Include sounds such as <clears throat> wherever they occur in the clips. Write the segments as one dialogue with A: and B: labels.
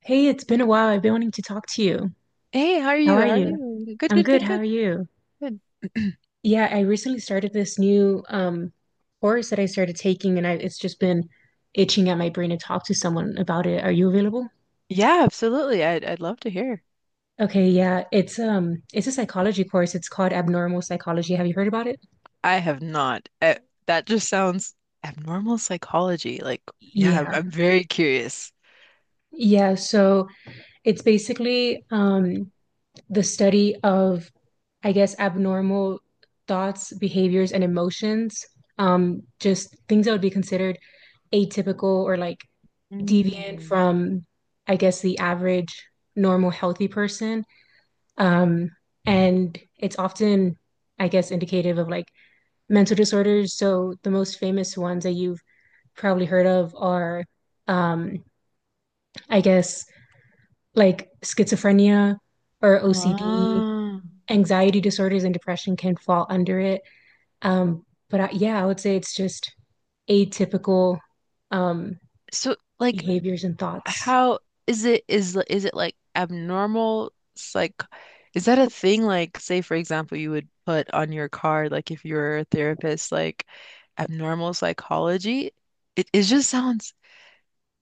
A: Hey, it's been a while. I've been wanting to talk to you.
B: Hey, how are
A: How
B: you?
A: are
B: How are
A: you?
B: you? Good,
A: I'm
B: good,
A: good.
B: good,
A: How
B: good,
A: are you?
B: good. <clears throat>
A: Yeah, I recently started this new course that I started taking and I it's just been itching at my brain to talk to someone about it. Are you available?
B: Yeah, absolutely. I'd love to hear.
A: Okay, yeah. It's a psychology course. It's called Abnormal Psychology. Have you heard about it?
B: I have not. That just sounds abnormal psychology. Like, yeah, I'm,
A: Yeah.
B: I'm very curious.
A: Yeah, so it's basically the study of, I guess, abnormal thoughts, behaviors, and emotions. Just things that would be considered atypical or like deviant
B: Mm.
A: from, I guess, the average normal healthy person. Um, and it's often, I guess, indicative of like mental disorders. So the most famous ones that you've probably heard of are, um, I guess, like schizophrenia or OCD.
B: Ah.
A: Anxiety disorders and depression can fall under it. Yeah, I would say it's just atypical, um,
B: So, like,
A: behaviors and thoughts.
B: how is it? Is it like abnormal psych? Is that a thing? Like, say for example, you would put on your card, like if you're a therapist, like abnormal psychology. It just sounds.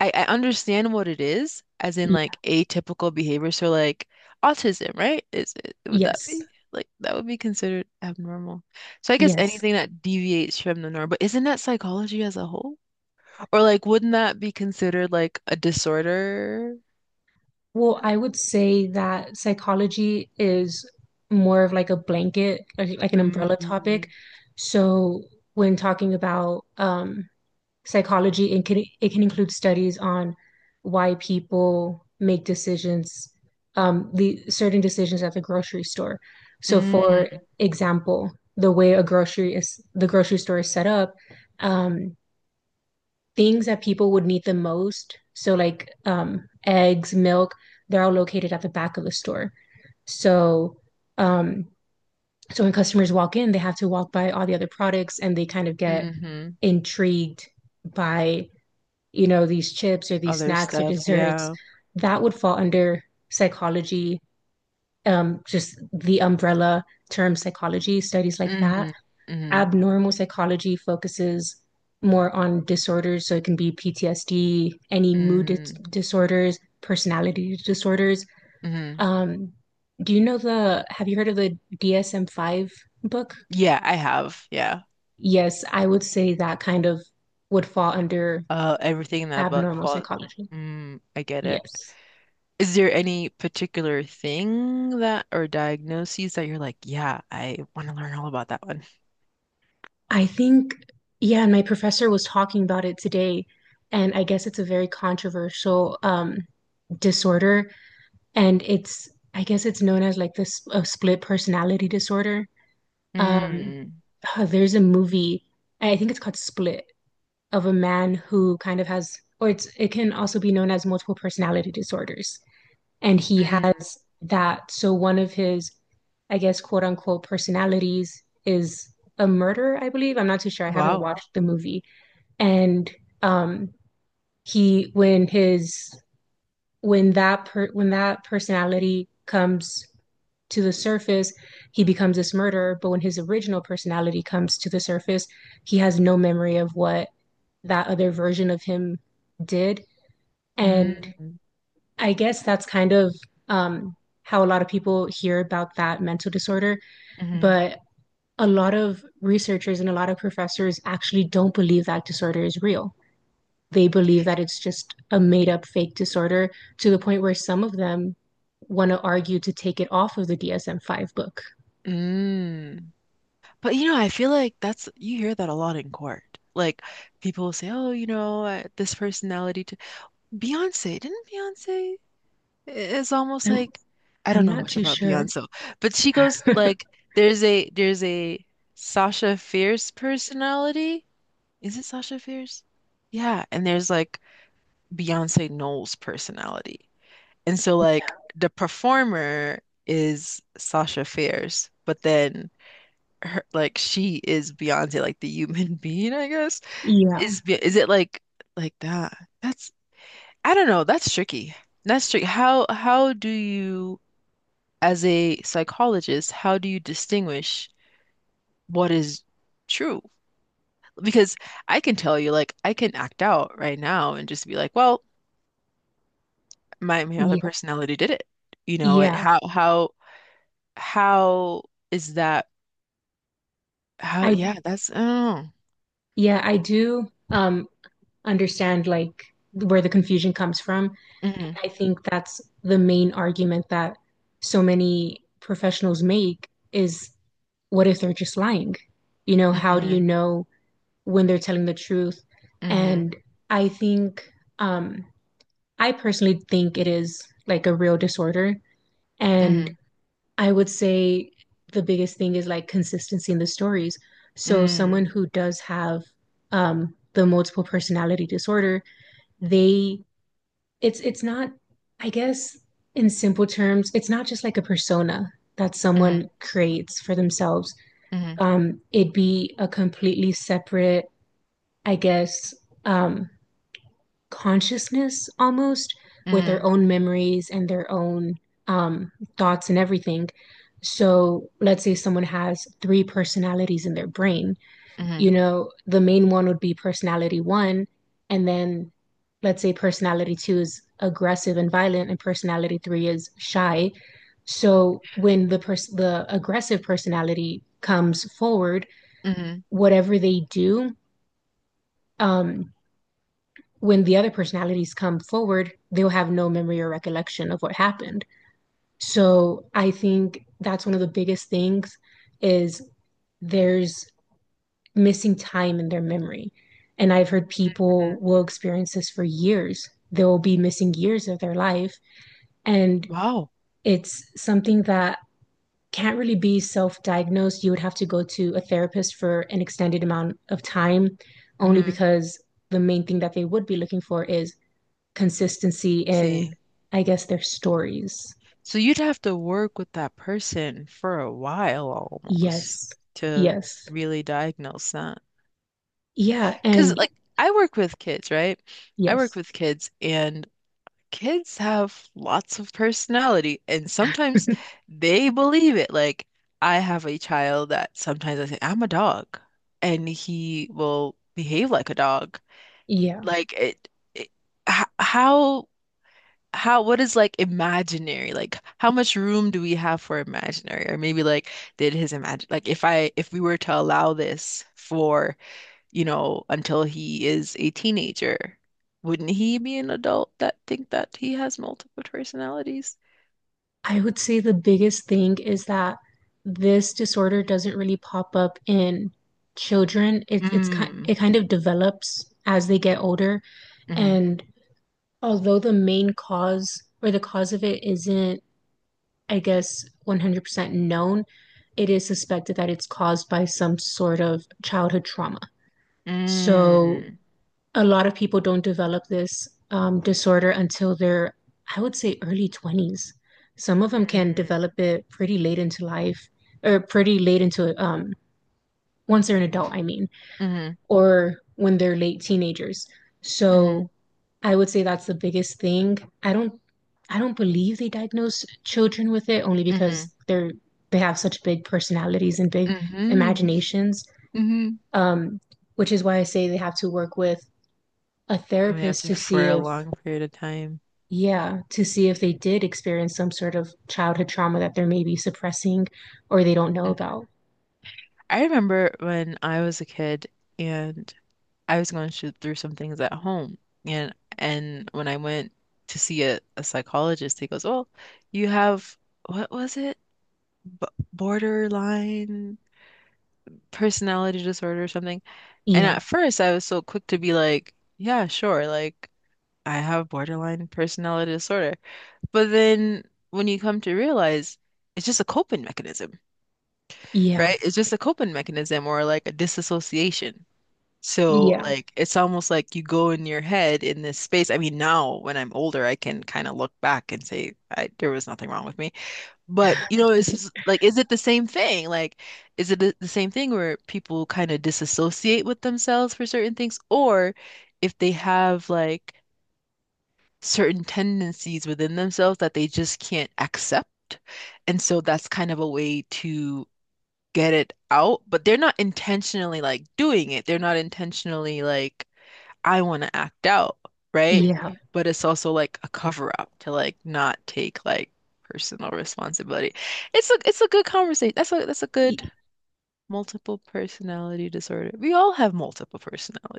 B: I understand what it is, as in like atypical behavior. So like autism, right? Is it would that
A: Yes,
B: be like that would be considered abnormal? So I guess
A: yes.
B: anything that deviates from the norm, but isn't that psychology as a whole? Or like wouldn't that be considered like a disorder?
A: Well, I would say that psychology is more of like a blanket, like an umbrella
B: Mm-hmm.
A: topic. So when talking about psychology, it can include studies on why people make decisions, the certain decisions at the grocery store. So for
B: Mm-hmm.
A: example, the way a grocery is the grocery store is set up. Um, things that people would need the most. So like eggs, milk, they're all located at the back of the store. So um, so when customers walk in, they have to walk by all the other products and they kind of get
B: Mm-hmm.
A: intrigued by, you know, these chips or these
B: Other
A: snacks or
B: stuff,
A: desserts.
B: yeah.
A: That would fall under psychology, just the umbrella term psychology. Studies like that,
B: Mm-hmm. Mm-hmm.
A: abnormal psychology focuses more on disorders. So it can be PTSD, any
B: Mm-hmm.
A: disorders, personality disorders.
B: Mm-hmm.
A: Um, do you know have you heard of the DSM-5 book?
B: Yeah, I have. Yeah.
A: Yes, I would say that kind of would fall under
B: Everything in that book
A: abnormal
B: falls.
A: psychology.
B: Mm, I get it.
A: Yes.
B: Is there any particular thing that or diagnoses that you're like, yeah, I want to learn all about that one?
A: I think, yeah, and my professor was talking about it today, and I guess it's a very controversial, disorder, and it's I guess it's known as like this split personality disorder. Um,
B: Mm,
A: there's a movie, I think it's called Split, of a man who kind of has, or it can also be known as multiple personality disorders, and he has
B: mm,
A: that. So one of his, I guess, quote unquote personalities is a murderer. I believe. I'm not too sure. I haven't
B: wow.
A: watched the movie, and um, he when that personality comes to the surface, he becomes this murderer. But when his original personality comes to the surface, he has no memory of what that other version of him did.
B: Mm,
A: And I guess that's kind of, um, how a lot of people hear about that mental disorder.
B: mm,
A: But a lot of researchers and a lot of professors actually don't believe that disorder is real. They believe that it's just a made up fake disorder, to the point where some of them want to argue to take it off of the DSM 5 book.
B: mm. But you know, I feel like that's you hear that a lot in court. Like people will say, oh, you know, this personality. T Beyonce, didn't Beyonce? It's almost
A: I'm,
B: like I
A: I'm
B: don't know
A: not
B: much
A: too
B: about
A: sure.
B: Beyonce, but she goes like,
A: <laughs>
B: there's a Sasha Fierce personality. Is it Sasha Fierce? Yeah, and there's like Beyonce Knowles personality. And so like the performer is Sasha Fierce, but then her like she is Beyonce, like the human <laughs> being, I guess.
A: Yeah,
B: Is it like that? That's I don't know, that's tricky. That's tricky. How do you as a psychologist, how do you distinguish what is true? Because I can tell you, like, I can act out right now and just be like, well, my other
A: yeah,
B: personality did it. You know, and
A: yeah.
B: how is that how
A: I
B: yeah, that's oh.
A: yeah, I do understand like where the confusion comes from.
B: Mm-hmm.
A: I think that's the main argument that so many professionals make is, what if they're just lying? You know, how do you
B: Mm-hmm.
A: know when they're telling the truth?
B: Mm-hmm.
A: And I think, um, I personally think it is like a real disorder. And
B: Mm-hmm.
A: I would say the biggest thing is like consistency in the stories. So,
B: Mm-hmm.
A: someone who does have, the multiple personality disorder, they, it's not, I guess, in simple terms, it's not just like a persona that
B: Mm-hmm.
A: someone creates for themselves.
B: Mm-hmm.
A: It'd be a completely separate, I guess, um, consciousness almost, with their
B: Mm-hmm.
A: own memories and their own, um, thoughts and everything. So let's say someone has three personalities in their brain. You
B: Mm-hmm.
A: know, the main one would be personality one. And then let's say personality two is aggressive and violent, and personality three is shy. So when the aggressive personality comes forward,
B: Mm-hmm,
A: whatever they do, um, when the other personalities come forward, they'll have no memory or recollection of what happened. So I think that's one of the biggest things, is there's missing time in their memory. And I've heard people will
B: mm-hmm.
A: experience this for years. They will be missing years of their life. And
B: Wow.
A: it's something that can't really be self diagnosed. You would have to go to a therapist for an extended amount of time, only
B: Mm-hmm.
A: because the main thing that they would be looking for is consistency in,
B: See.
A: I guess, their stories.
B: So you'd have to work with that person for a while almost
A: Yes.
B: to
A: Yes.
B: really diagnose that.
A: Yeah.
B: Because
A: And
B: like I work with kids, right? I work
A: yes.
B: with kids and kids have lots of personality and sometimes they believe it. Like I have a child that sometimes I say, I'm a dog, and he will behave like a dog.
A: Yeah.
B: Like it h- how how what is like imaginary? Like how much room do we have for imaginary? Or maybe like did his imagine like if we were to allow this for you know, until he is a teenager. Wouldn't he be an adult that think that he has multiple personalities?
A: I would say the biggest thing is that this disorder doesn't really pop up in children.
B: Mm,
A: It kind of develops as they get older.
B: mm-hmm,
A: And although the main cause or the cause of it isn't, I guess, 100% known, it is suspected that it's caused by some sort of childhood trauma. So
B: mm,
A: a lot of people don't develop this, disorder until they're, I would say, early 20s. Some of them can
B: mm,
A: develop it pretty late into life, or pretty late into, once they're an adult, I mean,
B: mm-hmm,
A: or when they're late teenagers.
B: mm-hmm,
A: So I would say that's the biggest thing. I don't, I don't believe they diagnose children with it only
B: mm-hmm,
A: because they have such big personalities and big
B: mm-hmm,
A: imaginations,
B: mm-hmm.
A: um, which is why I say they have to work with a therapist
B: After
A: to see
B: for a
A: if.
B: long period of time.
A: Yeah, to see if they did experience some sort of childhood trauma that they're maybe suppressing or they don't know
B: Hmm.
A: about.
B: I remember when I was a kid and I was going through some things at home, and when I went to see a psychologist, he goes, "Oh, you have what was it? B borderline personality disorder or something." And
A: Yeah,
B: at first, I was so quick to be like, yeah, sure, like I have borderline personality disorder. But then when you come to realize it's just a coping mechanism,
A: yeah,
B: right? It's just a coping mechanism or like a disassociation. So,
A: yeah,
B: like, it's almost like you go in your head in this space. I mean, now when I'm older, I can kind of look back and say, I, there was nothing wrong with me. But you know, it's just, like, is it the same thing? Like, is it the same thing where people kind of disassociate with themselves for certain things, or if they have like certain tendencies within themselves that they just can't accept, and so that's kind of a way to get it out, but they're not intentionally like doing it. They're not intentionally like I want to act out, right?
A: yeah,
B: But it's also like a cover up to like not take like personal responsibility. It's a good conversation. That's a
A: y-
B: good multiple personality disorder. We all have multiple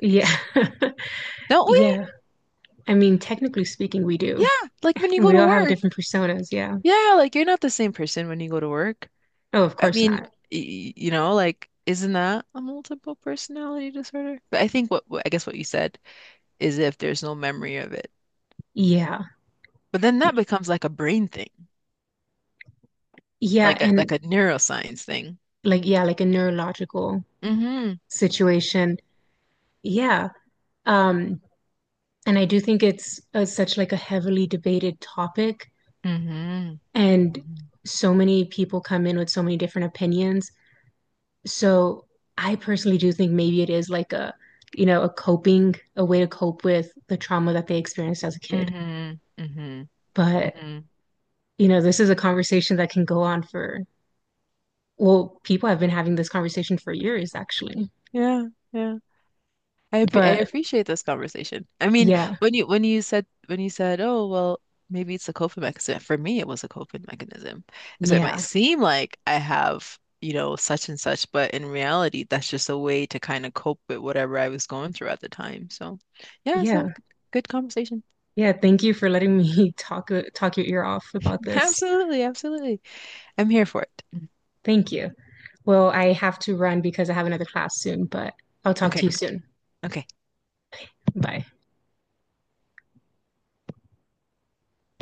A: yeah, <laughs>
B: don't we?
A: yeah. I mean, technically speaking, we
B: Yeah,
A: do.
B: like when you go
A: We
B: to
A: all have
B: work.
A: different personas. Yeah.
B: Yeah, like you're not the same person when you go to work.
A: Oh, of
B: I
A: course
B: mean,
A: not.
B: you know, like isn't that a multiple personality disorder? But I think I guess what you said is if there's no memory of it.
A: Yeah.
B: But then that becomes like a brain thing.
A: Yeah,
B: Like a like
A: and
B: a neuroscience thing.
A: yeah, like a neurological
B: Hmm.
A: situation. Yeah. Um, and I do think it's such like a heavily debated topic,
B: Hmm.
A: and so many people come in with so many different opinions. So I personally do think maybe it is like a, you know, a way to cope with the trauma that they experienced as a kid.
B: Hmm. Hmm.
A: But,
B: Hmm.
A: you know, this is a conversation that can go on for, well, people have been having this conversation for years, actually.
B: Yeah, yeah. I
A: But
B: appreciate this conversation. I mean,
A: yeah,
B: when you said, "Oh, well, maybe it's a coping mechanism." For me, it was a coping mechanism. And so it might
A: yeah,
B: seem like I have, you know, such and such, but in reality, that's just a way to kind of cope with whatever I was going through at the time. So, yeah,
A: yeah,
B: good conversation.
A: yeah. Thank you for letting me <laughs> talk your ear off about
B: <laughs>
A: this.
B: Absolutely, absolutely. I'm here for it.
A: Thank you. Well, I have to run because I have another class soon, but I'll talk to
B: Okay.
A: you soon.
B: Okay.
A: Bye.